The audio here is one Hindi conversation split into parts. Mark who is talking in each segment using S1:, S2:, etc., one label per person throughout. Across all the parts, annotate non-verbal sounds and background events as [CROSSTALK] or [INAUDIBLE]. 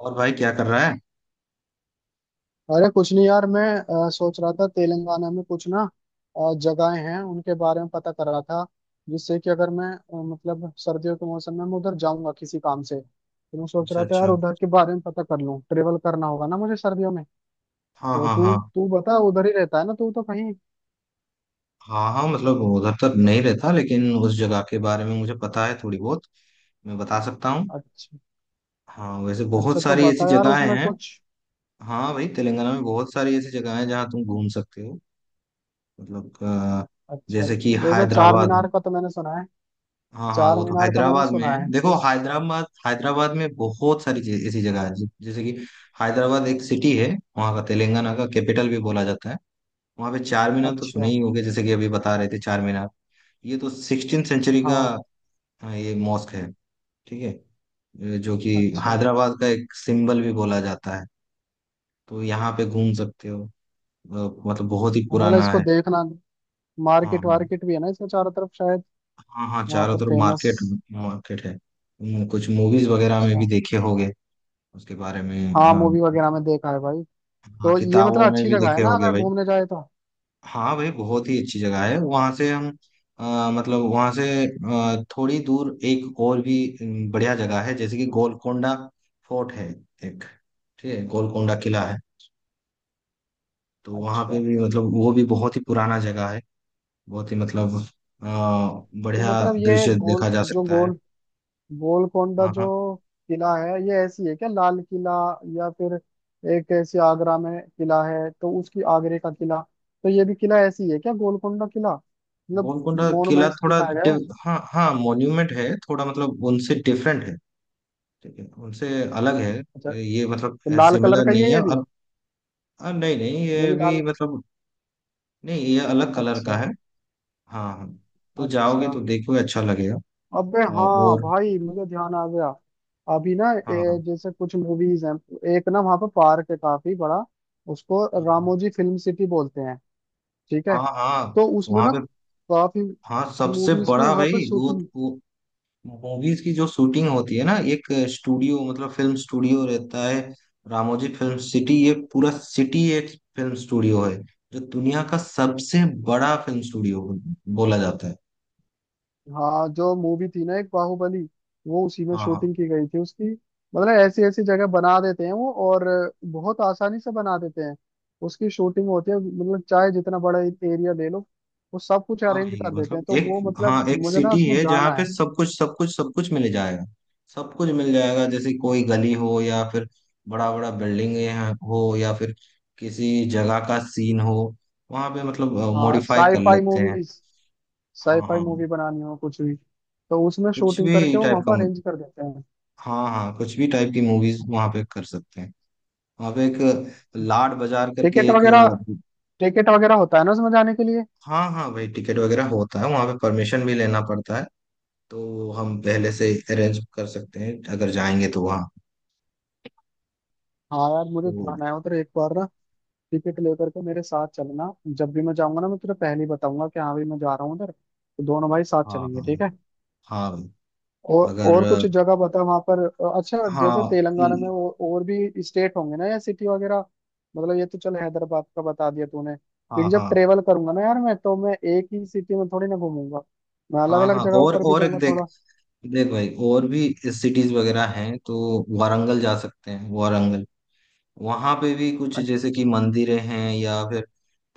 S1: और भाई क्या कर रहा है?
S2: अरे कुछ नहीं यार मैं सोच रहा था तेलंगाना में कुछ ना जगहें हैं उनके बारे में पता कर रहा था जिससे कि अगर मैं मतलब सर्दियों के मौसम में मैं उधर जाऊंगा किसी काम से, तो मैं सोच
S1: अच्छा,
S2: रहा था यार
S1: अच्छा।
S2: उधर के बारे में पता कर लूं। ट्रेवल करना होगा ना मुझे सर्दियों में।
S1: हाँ,
S2: तो
S1: हाँ,
S2: तू
S1: हाँ।
S2: तू बता, उधर ही रहता है ना तू तो कहीं।
S1: हाँ, हाँ, मतलब उधर तक नहीं रहता, लेकिन उस जगह के बारे में मुझे पता है थोड़ी बहुत। मैं बता सकता हूँ।
S2: अच्छा,
S1: हाँ, वैसे बहुत
S2: अच्छा तो
S1: सारी ऐसी
S2: बता यार
S1: जगहें
S2: उसमें
S1: हैं।
S2: कुछ।
S1: हाँ भाई, तेलंगाना में बहुत सारी ऐसी जगह हैं जहाँ तुम घूम सकते हो। मतलब,
S2: अच्छा,
S1: जैसे कि
S2: जैसे चार
S1: हैदराबाद में।
S2: मीनार का तो मैंने सुना है।
S1: हाँ हाँ,
S2: चार
S1: वो तो
S2: मीनार का मैंने
S1: हैदराबाद में
S2: सुना
S1: है।
S2: है
S1: देखो,
S2: उस।
S1: हैदराबाद हैदराबाद में बहुत सारी चीज ऐसी जगह है। जैसे कि। हैदराबाद एक सिटी है। वहाँ का तेलंगाना का कैपिटल भी बोला जाता है। वहां पे चार मीनार तो सुने
S2: अच्छा।
S1: ही होंगे, जैसे कि अभी बता रहे थे चार मीनार। ये तो 16 सेंचुरी का।
S2: हाँ।
S1: हाँ, ये मॉस्क है। ठीक है। ये जो कि।
S2: अच्छा
S1: हैदराबाद का एक सिंबल भी बोला जाता है। तो यहाँ पे घूम सकते हो। अ, मतलब बहुत ही
S2: मतलब
S1: पुराना
S2: इसको
S1: है।
S2: देखना।
S1: हाँ,
S2: मार्केट
S1: हाँ।
S2: वार्केट भी है ना इसमें चारों तरफ शायद।
S1: हाँ हाँ,
S2: वहां
S1: चारों
S2: पर
S1: तरफ
S2: फेमस।
S1: मार्केट। मार्केट है। कुछ मूवीज वगैरह में भी
S2: अच्छा।
S1: देखे होंगे। उसके बारे में,
S2: हाँ,
S1: हाँ
S2: मूवी वगैरह
S1: मतलब-
S2: में देखा है भाई।
S1: हाँ,
S2: तो ये मतलब
S1: किताबों में
S2: अच्छी
S1: भी
S2: जगह है
S1: देखे
S2: ना
S1: होंगे
S2: अगर
S1: भाई।
S2: घूमने जाए तो।
S1: हाँ भाई, बहुत ही अच्छी जगह है। वहां से हम। मतलब वहां से थोड़ी दूर एक और भी। बढ़िया जगह है जैसे कि गोलकोंडा। फोर्ट है। एक। ठीक है, गोलकोंडा किला है। तो वहां पे
S2: अच्छा,
S1: भी मतलब वो भी बहुत ही पुराना जगह है। बहुत ही मतलब। अ,
S2: तो
S1: बढ़िया
S2: मतलब ये
S1: दृश्य
S2: गोल
S1: देखा जा
S2: जो
S1: सकता है।
S2: गोल गोलकोंडा
S1: हाँ, हाँ।
S2: जो किला है, ये ऐसी है क्या लाल किला या फिर एक ऐसी आगरा में किला है तो उसकी आगरे का किला, तो ये भी किला ऐसी है क्या गोलकोंडा किला मतलब
S1: गोलकोंडा किला
S2: मोनुमेंट्स
S1: थोड़ा
S2: दिखाया गया
S1: डि-
S2: है।
S1: हाँ हाँ, मॉन्यूमेंट है, थोड़ा मतलब उनसे डिफरेंट है। ठीक है, उनसे। अलग
S2: अच्छा,
S1: है ये, मतलब।
S2: तो लाल कलर
S1: सिमिलर
S2: का
S1: नहीं है।
S2: ये भी,
S1: और। हाँ, नहीं नहीं
S2: ये
S1: ये
S2: भी
S1: भी,
S2: लाल।
S1: मतलब। नहीं, ये अलग कलर का
S2: अच्छा।
S1: है। हाँ, हाँ। तो जाओगे
S2: अच्छा,
S1: तो देखोगे, अच्छा लगेगा।
S2: अबे
S1: हाँ,
S2: हाँ
S1: और।
S2: भाई मुझे ध्यान आ गया। अभी ना
S1: हाँ, हाँ,
S2: जैसे कुछ मूवीज हैं। एक ना वहाँ पे पार्क है काफी बड़ा, उसको रामोजी फिल्म सिटी बोलते हैं। ठीक है,
S1: हाँ, हाँ।
S2: तो उसमें
S1: वहाँ
S2: ना
S1: पे।
S2: काफी
S1: हाँ, सबसे
S2: मूवीज की
S1: बड़ा
S2: वहाँ पे
S1: भाई वो
S2: शूटिंग।
S1: वो मूवीज की जो शूटिंग होती है ना, एक। स्टूडियो मतलब फिल्म स्टूडियो रहता है। रामोजी फिल्म सिटी, ये पूरा सिटी एक। फिल्म स्टूडियो है। जो दुनिया का सबसे। बड़ा फिल्म स्टूडियो। बोला जाता है।
S2: हाँ, जो मूवी थी ना एक बाहुबली, वो उसी में
S1: हाँ, हाँ।
S2: शूटिंग की गई थी उसकी। मतलब ऐसी ऐसी जगह बना देते हैं वो, और बहुत आसानी से बना देते हैं। उसकी शूटिंग होती है मतलब चाहे जितना बड़ा एरिया ले लो, वो सब कुछ
S1: हाँ
S2: अरेंज
S1: भाई,
S2: कर देते हैं।
S1: मतलब
S2: तो
S1: एक।
S2: वो मतलब
S1: हाँ, एक
S2: मुझे ना
S1: सिटी
S2: उसमें
S1: है जहाँ
S2: जाना
S1: पे
S2: है।
S1: सब कुछ, सब कुछ, सब कुछ मिल जाएगा। सब कुछ मिल जाएगा, जैसे कोई गली हो या फिर। बड़ा बड़ा बिल्डिंग। हो या फिर। किसी जगह का सीन हो। वहाँ पे मतलब।
S2: हाँ,
S1: मॉडिफाई कर
S2: साईफाई
S1: लेते हैं।
S2: मूवीज,
S1: हाँ
S2: साईफाई
S1: हाँ,
S2: मूवी बनानी हो कुछ भी तो उसमें
S1: कुछ
S2: शूटिंग
S1: भी
S2: करके वो
S1: टाइप
S2: वहां
S1: का
S2: पर
S1: मु-
S2: अरेंज कर देते हैं।
S1: हाँ हाँ, कुछ भी टाइप की मूवीज वहाँ पे कर सकते हैं। वहाँ पे एक। लाड बाजार करके
S2: टिकट
S1: एक।
S2: वगैरह, टिकट वगैरह होता है ना उसमें जाने के लिए।
S1: हाँ हाँ भाई, टिकट वगैरह होता है, वहाँ पे परमिशन भी लेना पड़ता है। तो वो हम पहले से अरेंज कर सकते हैं अगर जाएंगे तो, वहाँ।
S2: हाँ यार, मुझे
S1: तो।
S2: जाना है उधर एक बार ना। टिकट लेकर के मेरे साथ चलना, जब भी मैं जाऊंगा ना मैं तुझे पहले ही बताऊंगा कि हाँ भाई मैं जा रहा हूँ उधर, तो दोनों भाई साथ
S1: हाँ,
S2: चलेंगे।
S1: हाँ।
S2: ठीक है।
S1: हाँ भाई। अगर।
S2: और कुछ जगह बता वहां पर। अच्छा जैसे
S1: हाँ
S2: तेलंगाना में
S1: ल-
S2: और भी स्टेट होंगे ना या सिटी वगैरह। मतलब ये तो चल हैदराबाद का बता दिया तूने,
S1: हाँ,
S2: क्योंकि जब
S1: हाँ।
S2: ट्रेवल करूंगा ना यार मैं, तो मैं एक ही सिटी में थोड़ी ना घूमूंगा, मैं अलग
S1: हाँ,
S2: अलग
S1: हाँ।
S2: जगहों
S1: और
S2: पर भी
S1: और एक
S2: जाऊंगा
S1: देख।
S2: थोड़ा।
S1: देख भाई, और भी। सिटीज वगैरह हैं तो। वारंगल जा सकते हैं, वारंगल। वहाँ पे भी कुछ, जैसे कि
S2: अच्छा।
S1: मंदिरें हैं, या फिर।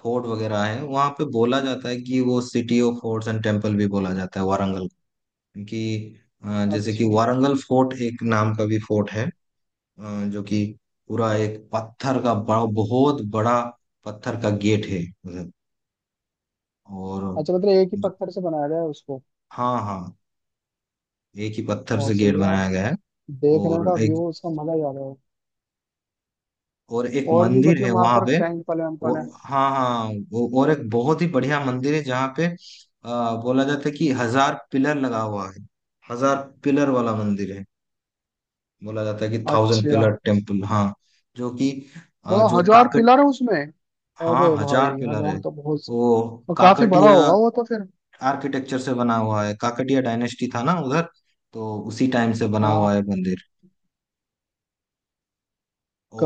S1: फोर्ट वगैरह है। वहाँ पे बोला जाता है कि वो city of forts and temple भी बोला जाता है वारंगल को। क्योंकि। जैसे कि
S2: अच्छा।
S1: वारंगल फोर्ट एक नाम का भी फोर्ट है। अ, जो कि। पूरा एक पत्थर का, बड़ा बहुत बड़ा। पत्थर का गेट है। उधर। और।
S2: अच्छा मतलब एक ही पत्थर से बनाया गया है उसको।
S1: हाँ, हाँ। एक ही पत्थर से
S2: बहुत सही
S1: गेट
S2: है
S1: बनाया
S2: यार,
S1: गया है।
S2: देखने
S1: और
S2: का
S1: एक।
S2: व्यू उसका मजा ही आ रहा है।
S1: और एक
S2: और भी
S1: मंदिर
S2: मतलब
S1: है
S2: वहां
S1: वहां
S2: पर
S1: पे।
S2: टैंक पले
S1: वो।
S2: हैं।
S1: हाँ हाँ, वो और एक बहुत ही बढ़िया मंदिर है जहाँ पे। बोला जाता है कि 1,000 पिलर लगा हुआ है। 1,000 पिलर वाला मंदिर है। बोला जाता है कि थाउजेंड
S2: अच्छा
S1: पिलर टेम्पल, हाँ। जो कि। अ,
S2: मतलब
S1: जो
S2: हजार
S1: काकट
S2: पिलर है उसमें।
S1: हाँ
S2: अबे भाई
S1: हजार पिलर है।
S2: हजार तो बहुत,
S1: वो
S2: और काफी
S1: काकटीय।
S2: बड़ा होगा वो तो फिर।
S1: आर्किटेक्चर से बना हुआ है, काकटिया डायनेस्टी था ना उधर। तो उसी टाइम से बना हुआ है
S2: हाँ,
S1: मंदिर।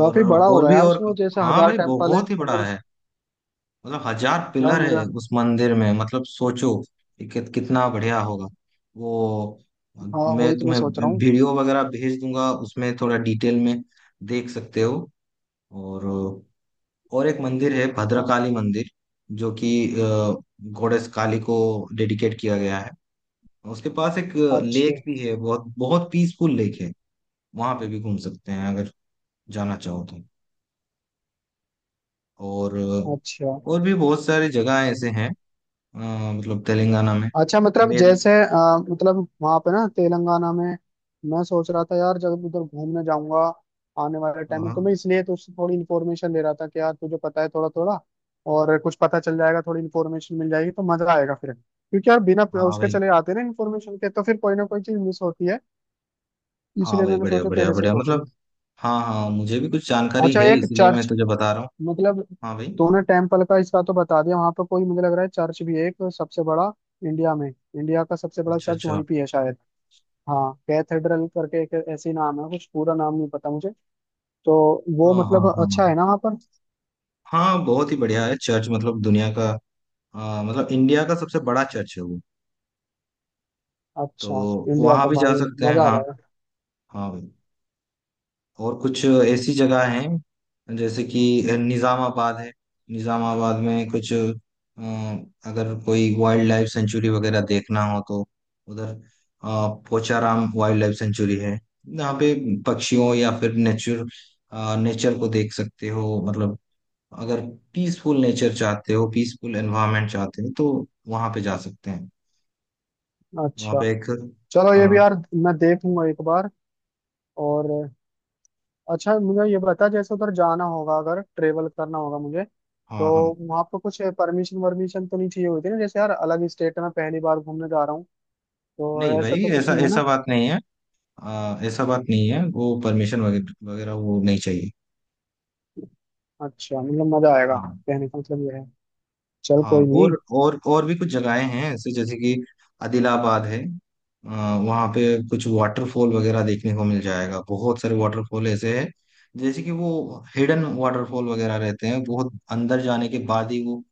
S1: और।
S2: बड़ा
S1: और
S2: होगा
S1: भी
S2: यार
S1: और।
S2: उसमें, जैसे
S1: हाँ
S2: हजार
S1: भाई,
S2: टेम्पल है
S1: बहुत ही
S2: अगर
S1: बड़ा
S2: उस।
S1: है। मतलब हजार
S2: यार
S1: पिलर है
S2: मुझे,
S1: उस मंदिर में, मतलब सोचो कि कितना बढ़िया होगा। वो।
S2: हाँ
S1: मैं
S2: वही तो मैं
S1: तुम्हें
S2: सोच रहा हूँ।
S1: वीडियो वगैरह भेज दूंगा, उसमें थोड़ा डिटेल में। देख सकते हो। और। और एक मंदिर है,
S2: हाँ।
S1: भद्रकाली मंदिर। जो कि। अ, गोडेस काली को। डेडिकेट किया गया है। उसके पास एक।
S2: अच्छा।
S1: लेक भी है, बहुत बहुत पीसफुल लेक है। वहां पे भी घूम सकते हैं अगर। जाना चाहो तो। और।
S2: अच्छा।
S1: और भी बहुत सारी जगह ऐसे हैं। अ, मतलब तेलंगाना में।
S2: अच्छा मतलब
S1: मैं।
S2: जैसे मतलब वहां पे ना तेलंगाना में, मैं सोच रहा था यार जब उधर घूमने जाऊंगा आने वाले टाइम में, तो मैं
S1: हाँ,
S2: इसलिए तो उससे थोड़ी इन्फॉर्मेशन ले रहा था कि यार तुझे पता है थोड़ा थोड़ा, और कुछ पता चल जाएगा थोड़ी इन्फॉर्मेशन मिल जाएगी तो मजा आएगा फिर, क्योंकि यार बिना
S1: हाँ।
S2: उसके
S1: भाई।
S2: चले आते ना इन्फॉर्मेशन के, तो फिर कोई ना कोई चीज मिस होती है,
S1: हाँ
S2: इसलिए
S1: भाई,
S2: मैंने
S1: बढ़िया
S2: सोचा
S1: बढ़िया
S2: तेरे से
S1: बढ़िया,
S2: पूछ लूं।
S1: मतलब। हाँ हाँ, मुझे भी कुछ जानकारी
S2: अच्छा,
S1: है
S2: एक
S1: इसीलिए मैं
S2: चर्च
S1: तुझे बता रहा हूँ।
S2: मतलब,
S1: हाँ भाई।
S2: तूने टेम्पल का इसका तो बता दिया, वहां पर कोई मुझे लग रहा है चर्च भी है एक सबसे बड़ा, इंडिया में इंडिया का सबसे बड़ा
S1: अच्छा,
S2: चर्च
S1: अच्छा।
S2: वहीं पे है शायद। हाँ कैथेड्रल करके एक ऐसी नाम है कुछ, पूरा नाम नहीं पता मुझे। तो वो
S1: हाँ, हाँ,
S2: मतलब
S1: हाँ, हाँ।
S2: अच्छा है ना वहाँ पर।
S1: हाँ, बहुत ही बढ़िया है चर्च, मतलब दुनिया का। मतलब इंडिया का सबसे बड़ा चर्च है वो। तो।
S2: अच्छा, इंडिया
S1: वहां
S2: का
S1: भी जा
S2: भाई,
S1: सकते हैं,
S2: मजा आ
S1: हाँ।
S2: रहा
S1: हाँ भाई। और कुछ ऐसी जगह हैं जैसे कि। निज़ामाबाद है। निज़ामाबाद में कुछ, अगर कोई वाइल्ड लाइफ सेंचुरी वगैरह देखना हो तो। उधर। पोचाराम वाइल्ड लाइफ सेंचुरी है। यहाँ पे। पक्षियों या फिर नेचर। नेचर को देख सकते हो, मतलब। अगर। पीसफुल नेचर चाहते हो, पीसफुल एनवायरनमेंट चाहते हो तो। वहाँ पे जा सकते हैं।
S2: है।
S1: वहाँ
S2: अच्छा,
S1: पे एक।
S2: चलो ये भी
S1: हाँ,
S2: यार मैं देखूंगा एक बार। और अच्छा मुझे ये बता, जैसे उधर जाना होगा अगर ट्रेवल करना होगा मुझे, तो
S1: हाँ, हाँ।
S2: वहाँ पर कुछ परमिशन वर्मिशन तो नहीं चाहिए होती ना, जैसे यार अलग स्टेट में पहली बार घूमने जा रहा हूँ,
S1: नहीं
S2: तो ऐसा
S1: भाई,
S2: तो कुछ
S1: ऐसा
S2: नहीं है ना।
S1: ऐसा बात नहीं है। ऐसा बात नहीं है, वो परमिशन वगैरह वगैरह वो नहीं चाहिए।
S2: अच्छा मतलब मजा आएगा,
S1: हाँ।
S2: कहने का मतलब ये है। चल
S1: हाँ
S2: कोई नहीं।
S1: और भी कुछ जगहें हैं ऐसे, जैसे कि। आदिलाबाद है। वहाँ पे। कुछ वाटरफॉल वगैरह देखने को मिल जाएगा, बहुत सारे वाटरफॉल ऐसे हैं। जैसे कि वो हिडन वाटरफॉल वगैरह रहते हैं, बहुत अंदर जाने के बाद ही वो।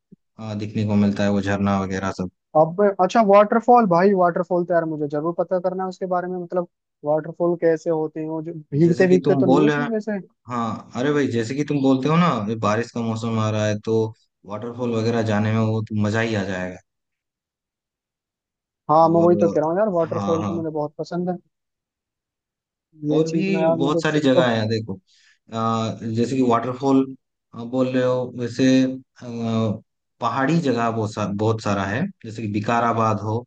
S1: दिखने को मिलता है वो झरना वगैरह सब।
S2: अब अच्छा वाटरफॉल भाई, वाटरफॉल तो यार मुझे जरूर पता करना है उसके बारे में, मतलब वाटरफॉल कैसे होते हैं, वो जो
S1: जैसे
S2: भीगते
S1: कि
S2: भीगते
S1: तुम
S2: तो नहीं है
S1: बोल रहे हो।
S2: उसमें वैसे।
S1: हाँ अरे भाई, जैसे कि तुम बोलते हो ना, ये बारिश का मौसम आ रहा है तो। वाटरफॉल वगैरह जाने में वो तो मजा ही आ जाएगा।
S2: हाँ, मैं
S1: और।
S2: वही तो कह रहा हूँ यार,
S1: हाँ,
S2: वाटरफॉल तो
S1: हाँ।
S2: मुझे बहुत पसंद है। ये
S1: और
S2: चीज ना
S1: भी
S2: यार मुझे
S1: बहुत सारी जगह
S2: मतलब
S1: है, देखो। जैसे कि वाटरफॉल। बोल रहे हो वैसे, पहाड़ी जगह बहुत सारा है, जैसे कि विकाराबाद हो।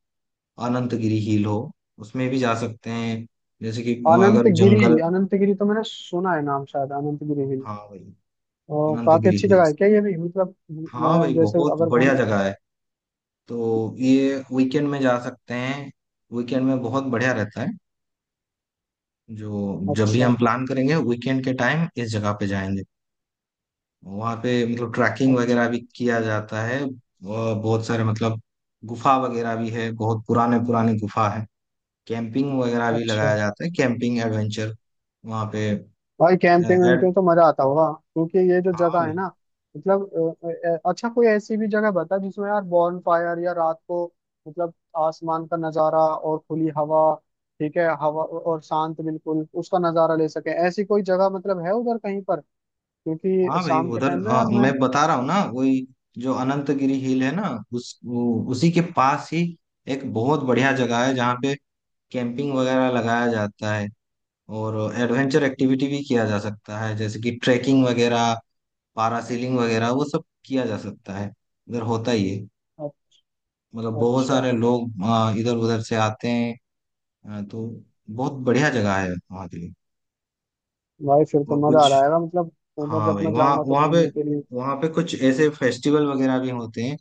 S1: अनंतगिरी हिल हो। उसमें भी जा सकते हैं। जैसे कि अगर
S2: अनंतगिरी,
S1: जंगल।
S2: अनंतगिरी तो मैंने सुना है नाम शायद, अनंतगिरी हिल।
S1: हाँ भाई।
S2: और काफी
S1: अनंतगिरी
S2: अच्छी जगह है
S1: हिल्स।
S2: क्या ये भी मतलब,
S1: हाँ
S2: मैं
S1: भाई,
S2: जैसे
S1: बहुत
S2: अगर
S1: बढ़िया
S2: घूमने।
S1: जगह है। तो ये वीकेंड में जा सकते हैं। वीकेंड में बहुत बढ़िया रहता है। जो जब भी
S2: अच्छा।
S1: हम प्लान करेंगे वीकेंड के टाइम इस जगह पे जाएंगे। वहाँ पे मतलब ट्रैकिंग
S2: अच्छा।
S1: वगैरह भी किया जाता है और बहुत सारे, मतलब। गुफा वगैरह भी है, बहुत पुराने पुराने गुफा है। कैंपिंग वगैरह भी
S2: अच्छा
S1: लगाया जाता है, कैंपिंग एडवेंचर। वहाँ पे।
S2: भाई कैंपिंग
S1: एड
S2: वैम्पिंग तो मजा आता होगा, क्योंकि ये जो
S1: हाँ
S2: जगह है
S1: भाई।
S2: ना मतलब। अच्छा कोई ऐसी भी जगह बता जिसमें यार बॉन फायर, या रात को मतलब आसमान का नजारा और खुली हवा, ठीक है हवा और शांत बिल्कुल उसका नजारा ले सके, ऐसी कोई जगह मतलब है उधर कहीं पर, क्योंकि
S1: हाँ भाई
S2: शाम के
S1: उधर,
S2: टाइम में
S1: हाँ,
S2: यार
S1: मैं
S2: मैं
S1: बता रहा हूँ ना वही। जो अनंतगिरी हिल है ना। उसी के पास ही। एक बहुत बढ़िया जगह है जहाँ पे। कैंपिंग वगैरह लगाया जाता है। और। एडवेंचर एक्टिविटी भी किया जा सकता है, जैसे कि ट्रैकिंग वगैरह। पारासीलिंग वगैरह, वो सब किया जा सकता है। इधर होता ही है।
S2: अ-
S1: मतलब बहुत
S2: अच्छा
S1: सारे लोग इधर उधर से आते हैं। तो। बहुत बढ़िया जगह है वहाँ के लिए।
S2: भाई फिर तो
S1: और
S2: मजा
S1: कुछ।
S2: आ जाएगा मतलब, उधर
S1: हाँ
S2: जब
S1: भाई,
S2: मैं
S1: वहाँ
S2: जाऊंगा तो
S1: वहाँ पे।
S2: घूमने के लिए।
S1: वहाँ पे कुछ ऐसे फेस्टिवल वगैरह भी होते हैं।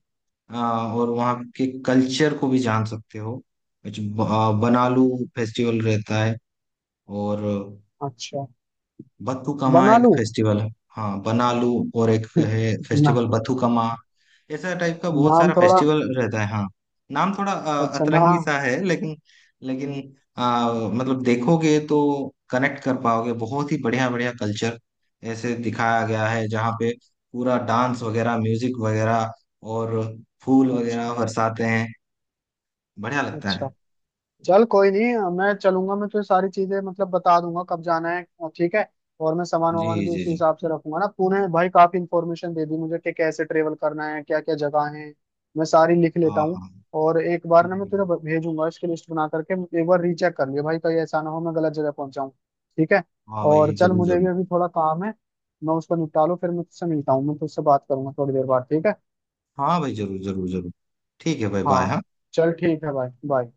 S1: अ, और वहाँ के कल्चर को भी जान सकते हो, कुछ। बनालू। फेस्टिवल रहता है। और।
S2: अच्छा,
S1: बथुकम्मा
S2: बना
S1: एक
S2: लूं।
S1: फेस्टिवल है। हाँ, बनालू। और एक है
S2: [LAUGHS]
S1: फेस्टिवल
S2: ना,
S1: बथुकम्मा। ऐसा टाइप का बहुत
S2: नाम
S1: सारा
S2: थोड़ा।
S1: फेस्टिवल रहता है, हाँ। नाम थोड़ा
S2: अच्छा ना।
S1: अतरंगी सा है लेकिन। लेकिन। मतलब देखोगे तो। कनेक्ट कर पाओगे, बहुत ही बढ़िया बढ़िया कल्चर। ऐसे दिखाया गया है जहाँ पे। पूरा डांस वगैरह, म्यूजिक वगैरह। और। फूल
S2: अच्छा।
S1: वगैरह बरसाते हैं। बढ़िया लगता
S2: अच्छा
S1: है।
S2: चल कोई नहीं मैं चलूंगा, मैं तुझे सारी चीजें मतलब बता दूंगा कब जाना है और, ठीक है। और मैं सामान
S1: जी,
S2: वामान भी
S1: जी,
S2: उसी
S1: जी।
S2: हिसाब से रखूंगा ना। तूने भाई काफी इंफॉर्मेशन दे दी मुझे कि कैसे ट्रेवल करना है, क्या क्या जगह है। मैं सारी लिख लेता
S1: हाँ,
S2: हूँ,
S1: हाँ।
S2: और एक बार
S1: ठीक
S2: ना मैं तुझे
S1: है।
S2: भेजूंगा इसकी लिस्ट बना करके। एक बार रीचेक कर लियो भाई, कहीं ऐसा ना हो मैं गलत जगह पहुंच जाऊँ। ठीक है।
S1: हाँ भाई,
S2: और चल
S1: जरूर,
S2: मुझे भी
S1: जरूर।
S2: अभी थोड़ा काम है, मैं उसको निपटा लूँ फिर मैं तुझसे मिलता हूँ, मैं तुझसे बात करूंगा थोड़ी देर बाद। ठीक है।
S1: हाँ भाई, जरूर, जरूर, जरूर। ठीक है भाई, बाय,
S2: हाँ
S1: हाँ।
S2: चल ठीक है भाई बाय।